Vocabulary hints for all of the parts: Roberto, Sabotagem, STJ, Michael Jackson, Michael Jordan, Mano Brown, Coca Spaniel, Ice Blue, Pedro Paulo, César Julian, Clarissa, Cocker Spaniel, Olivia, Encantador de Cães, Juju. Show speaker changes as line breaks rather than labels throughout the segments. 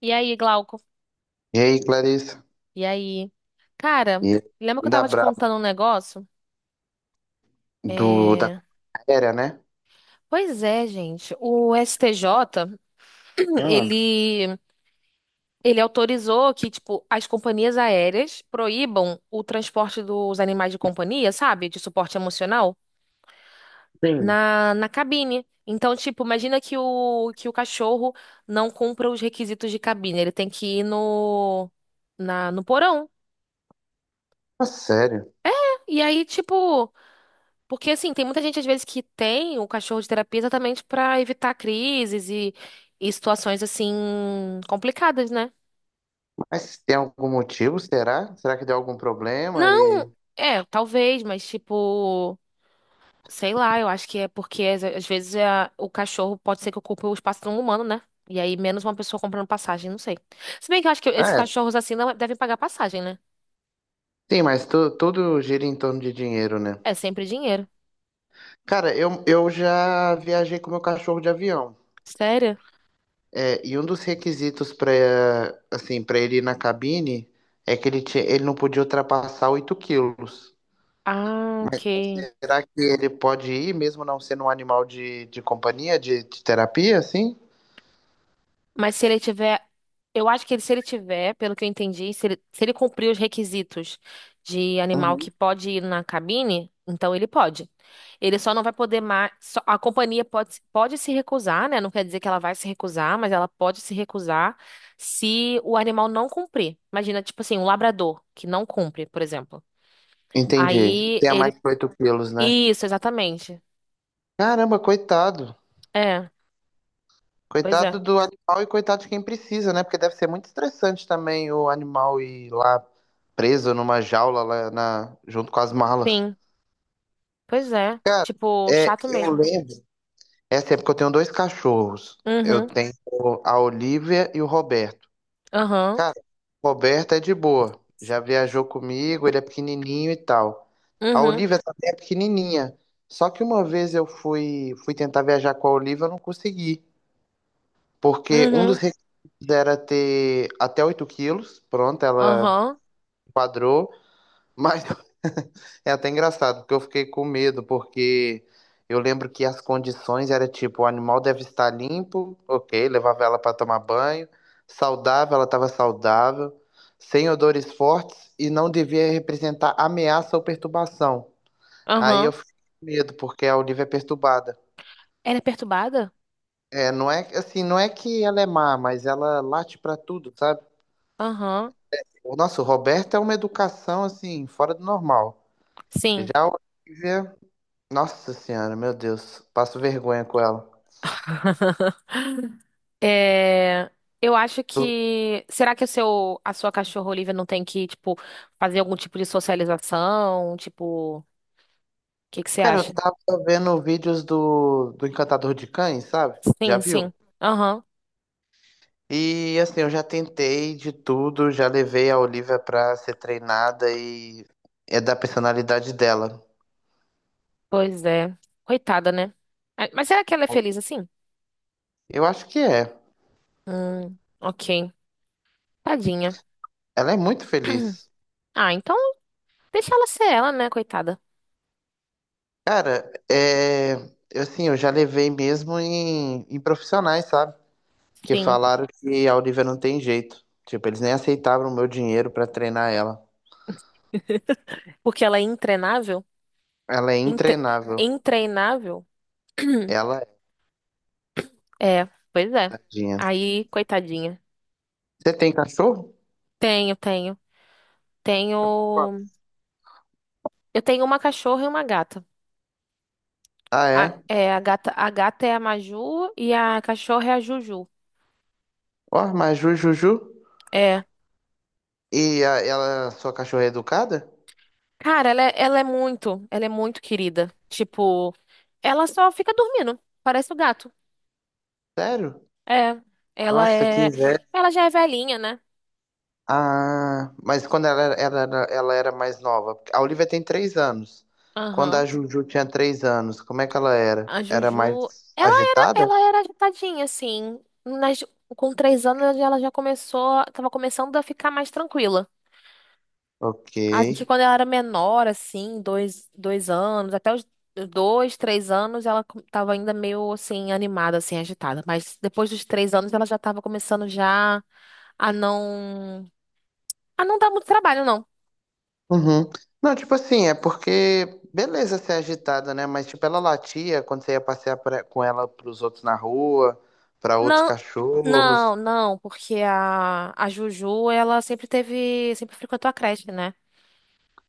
E aí, Glauco?
E aí, Clarissa?
E aí? Cara,
E
lembra que eu
da
tava te
Braba,
contando um negócio?
da
É...
companhia aérea, né?
Pois é, gente. O STJ,
Ah,
ele, ele autorizou que, tipo, as companhias aéreas proíbam o transporte dos animais de companhia, sabe? De suporte emocional,
sim.
na cabine. Então, tipo, imagina que o cachorro não cumpra os requisitos de cabine. Ele tem que ir no, na, no porão.
Ah, sério.
E aí, tipo. Porque, assim, tem muita gente, às vezes, que tem o cachorro de terapia exatamente pra evitar crises e situações, assim, complicadas, né?
Mas tem algum motivo, será? Será que deu algum problema?
Não, é, talvez, mas, tipo, sei lá, eu acho que é porque, às vezes, o cachorro pode ser que ocupe o espaço de um humano, né? E aí, menos uma pessoa comprando passagem, não sei. Se bem que eu acho que esses
É,
cachorros, assim, não devem pagar passagem, né?
sim, mas tudo gira em torno de dinheiro, né?
É sempre dinheiro.
Cara, eu já viajei com meu cachorro de avião.
Sério?
É, e um dos requisitos para ele ir na cabine é que ele não podia ultrapassar 8 quilos.
Ah, ok.
Será que ele pode ir, mesmo não sendo um animal de companhia, de terapia, assim?
Mas se ele tiver, eu acho que ele, se ele tiver, pelo que eu entendi, se ele cumprir os requisitos de animal que
Uhum.
pode ir na cabine, então ele pode. Ele só não vai poder mais. A companhia pode se recusar, né? Não quer dizer que ela vai se recusar, mas ela pode se recusar se o animal não cumprir. Imagina, tipo assim, um labrador que não cumpre, por exemplo.
Entendi.
Aí
Tem a
ele.
mais que oito quilos, né?
Isso, exatamente.
Caramba, coitado.
É, pois é.
Coitado do animal e coitado de quem precisa, né? Porque deve ser muito estressante também o animal ir lá preso numa jaula junto com as malas.
Sim, pois é.
Cara,
Tipo,
é,
chato
eu
mesmo.
lembro. Essa época eu tenho dois cachorros. Eu
Uhum,
tenho a Olivia e o Roberto.
aham.
Cara, o Roberto é de boa. Já viajou comigo, ele é pequenininho e tal. A
Uhum.
Olivia essa até é pequenininha. Só que uma vez eu fui tentar viajar com a Olivia, eu não consegui. Porque um dos
Uhum.
requisitos era ter até 8 quilos. Pronto, ela
Aham.
quadrou. Mas é até engraçado, porque eu fiquei com medo, porque eu lembro que as condições era tipo, o animal deve estar limpo, ok, levava ela para tomar banho, saudável, ela estava saudável, sem odores fortes e não devia representar ameaça ou perturbação. Aí eu
Aham.
fico com medo, porque a Olivia é perturbada.
Ela é perturbada?
É, não é assim, não é que ela é má, mas ela late pra tudo, sabe?
Aham.
Nossa, o nosso Roberto é uma educação assim, fora do normal. Já
Sim.
a Olivia, nossa senhora, meu Deus, passo vergonha com ela.
É, eu acho que. Será que a sua cachorra Olivia não tem que, tipo, fazer algum tipo de socialização? Tipo, o que que você
Cara, eu
acha?
tava vendo vídeos do Encantador de Cães, sabe? Já
Sim,
viu?
sim. Aham.
E assim, eu já tentei de tudo, já levei a Olivia pra ser treinada e é da personalidade dela.
Pois é. Coitada, né? Ah, mas será que ela é feliz assim?
Eu acho que é.
Ok. Tadinha.
Ela é muito feliz.
Ah, então deixa ela ser ela, né, coitada?
Cara, é, assim, eu já levei mesmo em profissionais, sabe? Que
Sim.
falaram que a Olivia não tem jeito. Tipo, eles nem aceitavam o meu dinheiro pra treinar ela.
Porque ela é intreinável?
Ela é
Intre...
intreinável.
Intreinável?
Ela é
É, pois é.
tadinha.
Aí, coitadinha.
Você tem cachorro?
Tenho, tenho.
Qual?
Tenho. Eu tenho uma cachorra e uma gata.
Ah, é?
A gata, a gata é a Maju e a cachorra é a Juju.
Ó, mas Jujuju?
É.
E sua cachorra é educada?
Cara, ela é muito querida. Tipo, ela só fica dormindo. Parece o gato.
Sério?
É. Ela
Nossa, que
é. Ela já é velhinha, né?
Ah, mas quando ela era mais nova. A Olivia tem 3 anos. Quando a
Aham.
Juju tinha 3 anos, como é que ela era?
A
Era
Juju.
mais
Ela era,
agitada?
ela era agitadinha, assim. Nas, com três anos ela já começou. Tava começando a ficar mais tranquila.
Ok.
Acho que quando ela era menor, assim, dois anos, até os dois, 3 anos, tava ainda meio, assim, animada, assim, agitada. Mas depois dos 3 anos, ela já tava começando já a não... A não dar muito trabalho, não.
Uhum. Não, tipo assim, é porque, beleza ser agitada, né? Mas, tipo, ela latia quando você ia passear com ela pros outros na rua, pra outros
Não,
cachorros.
não, não, porque a Juju, ela sempre teve... Sempre frequentou a creche, né?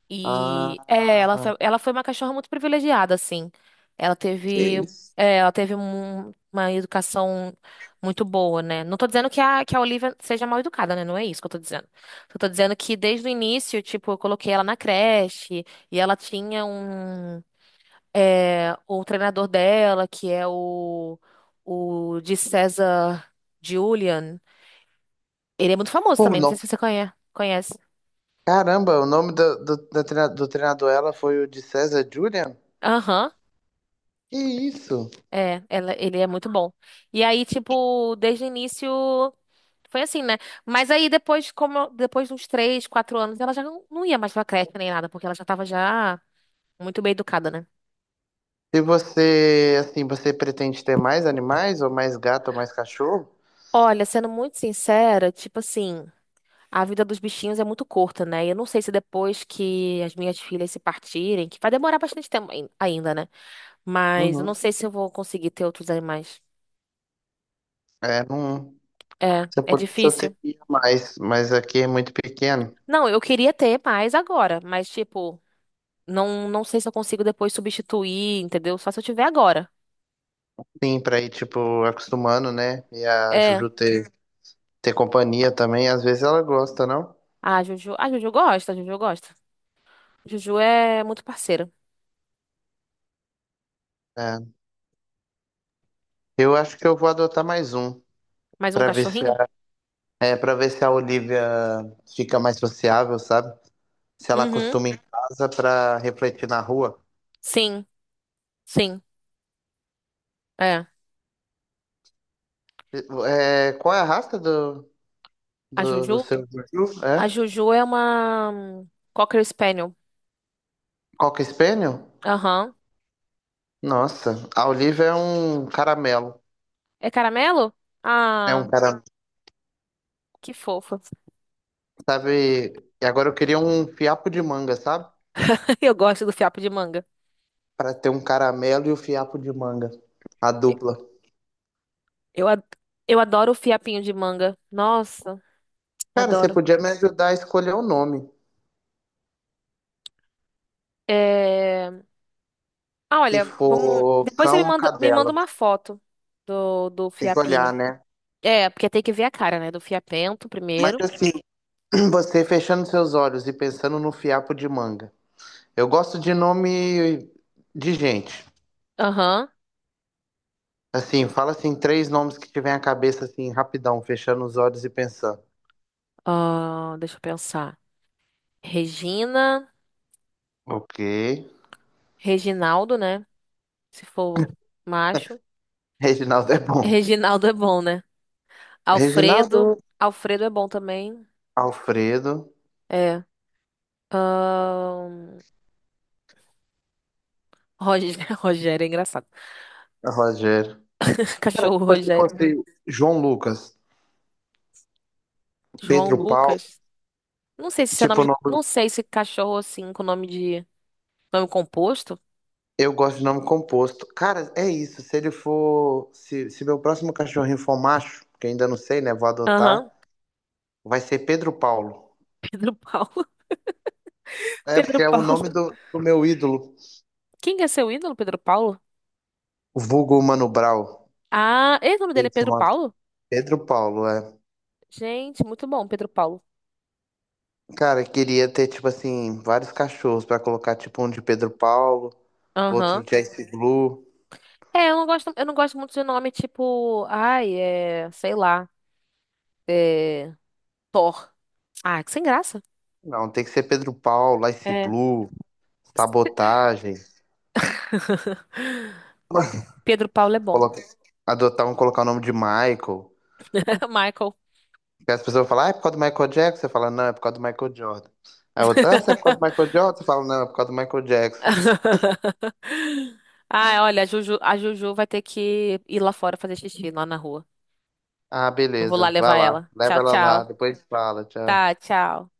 E é, ela
Ah,
foi, ela foi uma cachorra muito privilegiada, assim. Ela
que
teve,
isso.
é, ela teve uma educação muito boa, né? Não tô dizendo que a Olivia seja mal educada, né? Não é isso que eu tô dizendo. Eu tô dizendo que desde o início, tipo, eu coloquei ela na creche e ela tinha um, é, o treinador dela, que é o de César Julian. Ele é muito famoso
Pô,
também, não sei
não.
se você conhece. Conhece.
Caramba, o nome do treinador dela foi o de César Julian?
Aham.
Que isso?
É, ela, ele é muito bom. E aí, tipo, desde o início foi assim, né? Mas aí depois, como depois de uns 3, 4 anos, ela já não ia mais pra creche nem nada, porque ela já tava já muito bem educada, né?
Se você pretende ter mais animais, ou mais gato, ou mais cachorro?
Olha, sendo muito sincera, tipo assim, a vida dos bichinhos é muito curta, né? E eu não sei se depois que as minhas filhas se partirem, que vai demorar bastante tempo ainda, né? Mas eu não
Uhum.
sei se eu vou conseguir ter outros animais.
É, não.
É,
Se eu
é
pudesse, eu
difícil.
teria mais, mas aqui é muito pequeno.
Não, eu queria ter mais agora, mas tipo não, não sei se eu consigo depois substituir, entendeu? Só se eu tiver agora.
Sim, pra ir, tipo, acostumando, né? E a
É.
Juju ter companhia também, às vezes ela gosta, não?
Ah, a Juju. Ah, Juju gosta, a Juju gosta. Juju é muito parceira.
É. Eu acho que eu vou adotar mais um,
Mais um
pra ver se
cachorrinho?
a, é, para ver se a Olivia fica mais sociável, sabe? Se ela
Uhum.
acostuma em casa pra refletir na rua.
Sim, sim. É.
É, qual é a raça do,
A
do, do
Juju?
seu? Juju?
A
É?
Juju é uma Cocker Spaniel.
Coca Spaniel?
Aham.
Nossa, a Oliva é um caramelo.
É caramelo?
É
Ah,
um caramelo,
que fofa.
sabe? E agora eu queria um fiapo de manga, sabe?
Eu gosto do fiapo de manga.
Pra ter um caramelo e o fiapo de manga. A dupla.
Eu, ad- eu adoro o fiapinho de manga. Nossa,
Cara, você
adoro.
podia me ajudar a escolher o nome.
É. Ah,
Se
olha, vamos.
for
Depois você me
cão ou
manda, me manda
cadela.
uma foto do, do
Tem que olhar,
fiapinho.
né?
É, porque tem que ver a cara, né? Do fiapento
Mas
primeiro.
assim, você fechando seus olhos e pensando no fiapo de manga. Eu gosto de nome de gente.
Aham.
Assim, fala assim, três nomes que tiver a cabeça assim, rapidão, fechando os olhos e pensando.
Ah, deixa eu pensar. Regina.
Ok.
Reginaldo, né? Se for macho.
Reginaldo é bom.
Reginaldo é bom, né? Alfredo.
Reginaldo,
Alfredo é bom também.
Alfredo,
É. Ahn, Roger... Rogério é engraçado.
Rogério. Cara,
Cachorro
tipo, se
Rogério.
fosse João Lucas,
João
Pedro Paulo,
Lucas. Não sei se esse é nome
tipo,
de. Não sei se cachorro assim com nome de. Nome composto.
eu gosto de nome composto. Cara, é isso. Se ele for. Se meu próximo cachorrinho for macho, que ainda não sei, né? Vou adotar,
Aham.
vai ser Pedro Paulo.
Pedro Paulo.
É,
Pedro
porque é o nome
Paulo.
do meu ídolo,
Quem que é seu ídolo, Pedro Paulo?
o vulgo Mano Brown.
Ah, e o nome dele é
Ele se
Pedro
chama
Paulo?
Pedro Paulo, é.
Gente, muito bom, Pedro Paulo.
Cara, eu queria ter, tipo assim, vários cachorros pra colocar, tipo, um de Pedro Paulo. Outro
Aham.
de Ice Blue.
É, eu não gosto muito de nome tipo, ai, é, sei lá, é, Thor. Ah, que sem graça.
Não, tem que ser Pedro Paulo, Ice
É.
Blue, Sabotagem.
Pedro Paulo é bom.
Coloca- Adotar um, colocar o nome de Michael.
Michael.
Porque as pessoas falam, ah, é por causa do Michael Jackson? Você fala, não, é por causa do Michael Jordan. Aí outra, ah, você é por causa do Michael Jordan? Você fala, não, é por causa do Michael Jackson.
Ah, olha, a Juju vai ter que ir lá fora fazer xixi lá na rua.
Ah,
Não vou
beleza,
lá
vai
levar
lá,
ela.
leva
Tchau,
ela lá,
tchau.
depois fala, tchau.
Tá, tchau.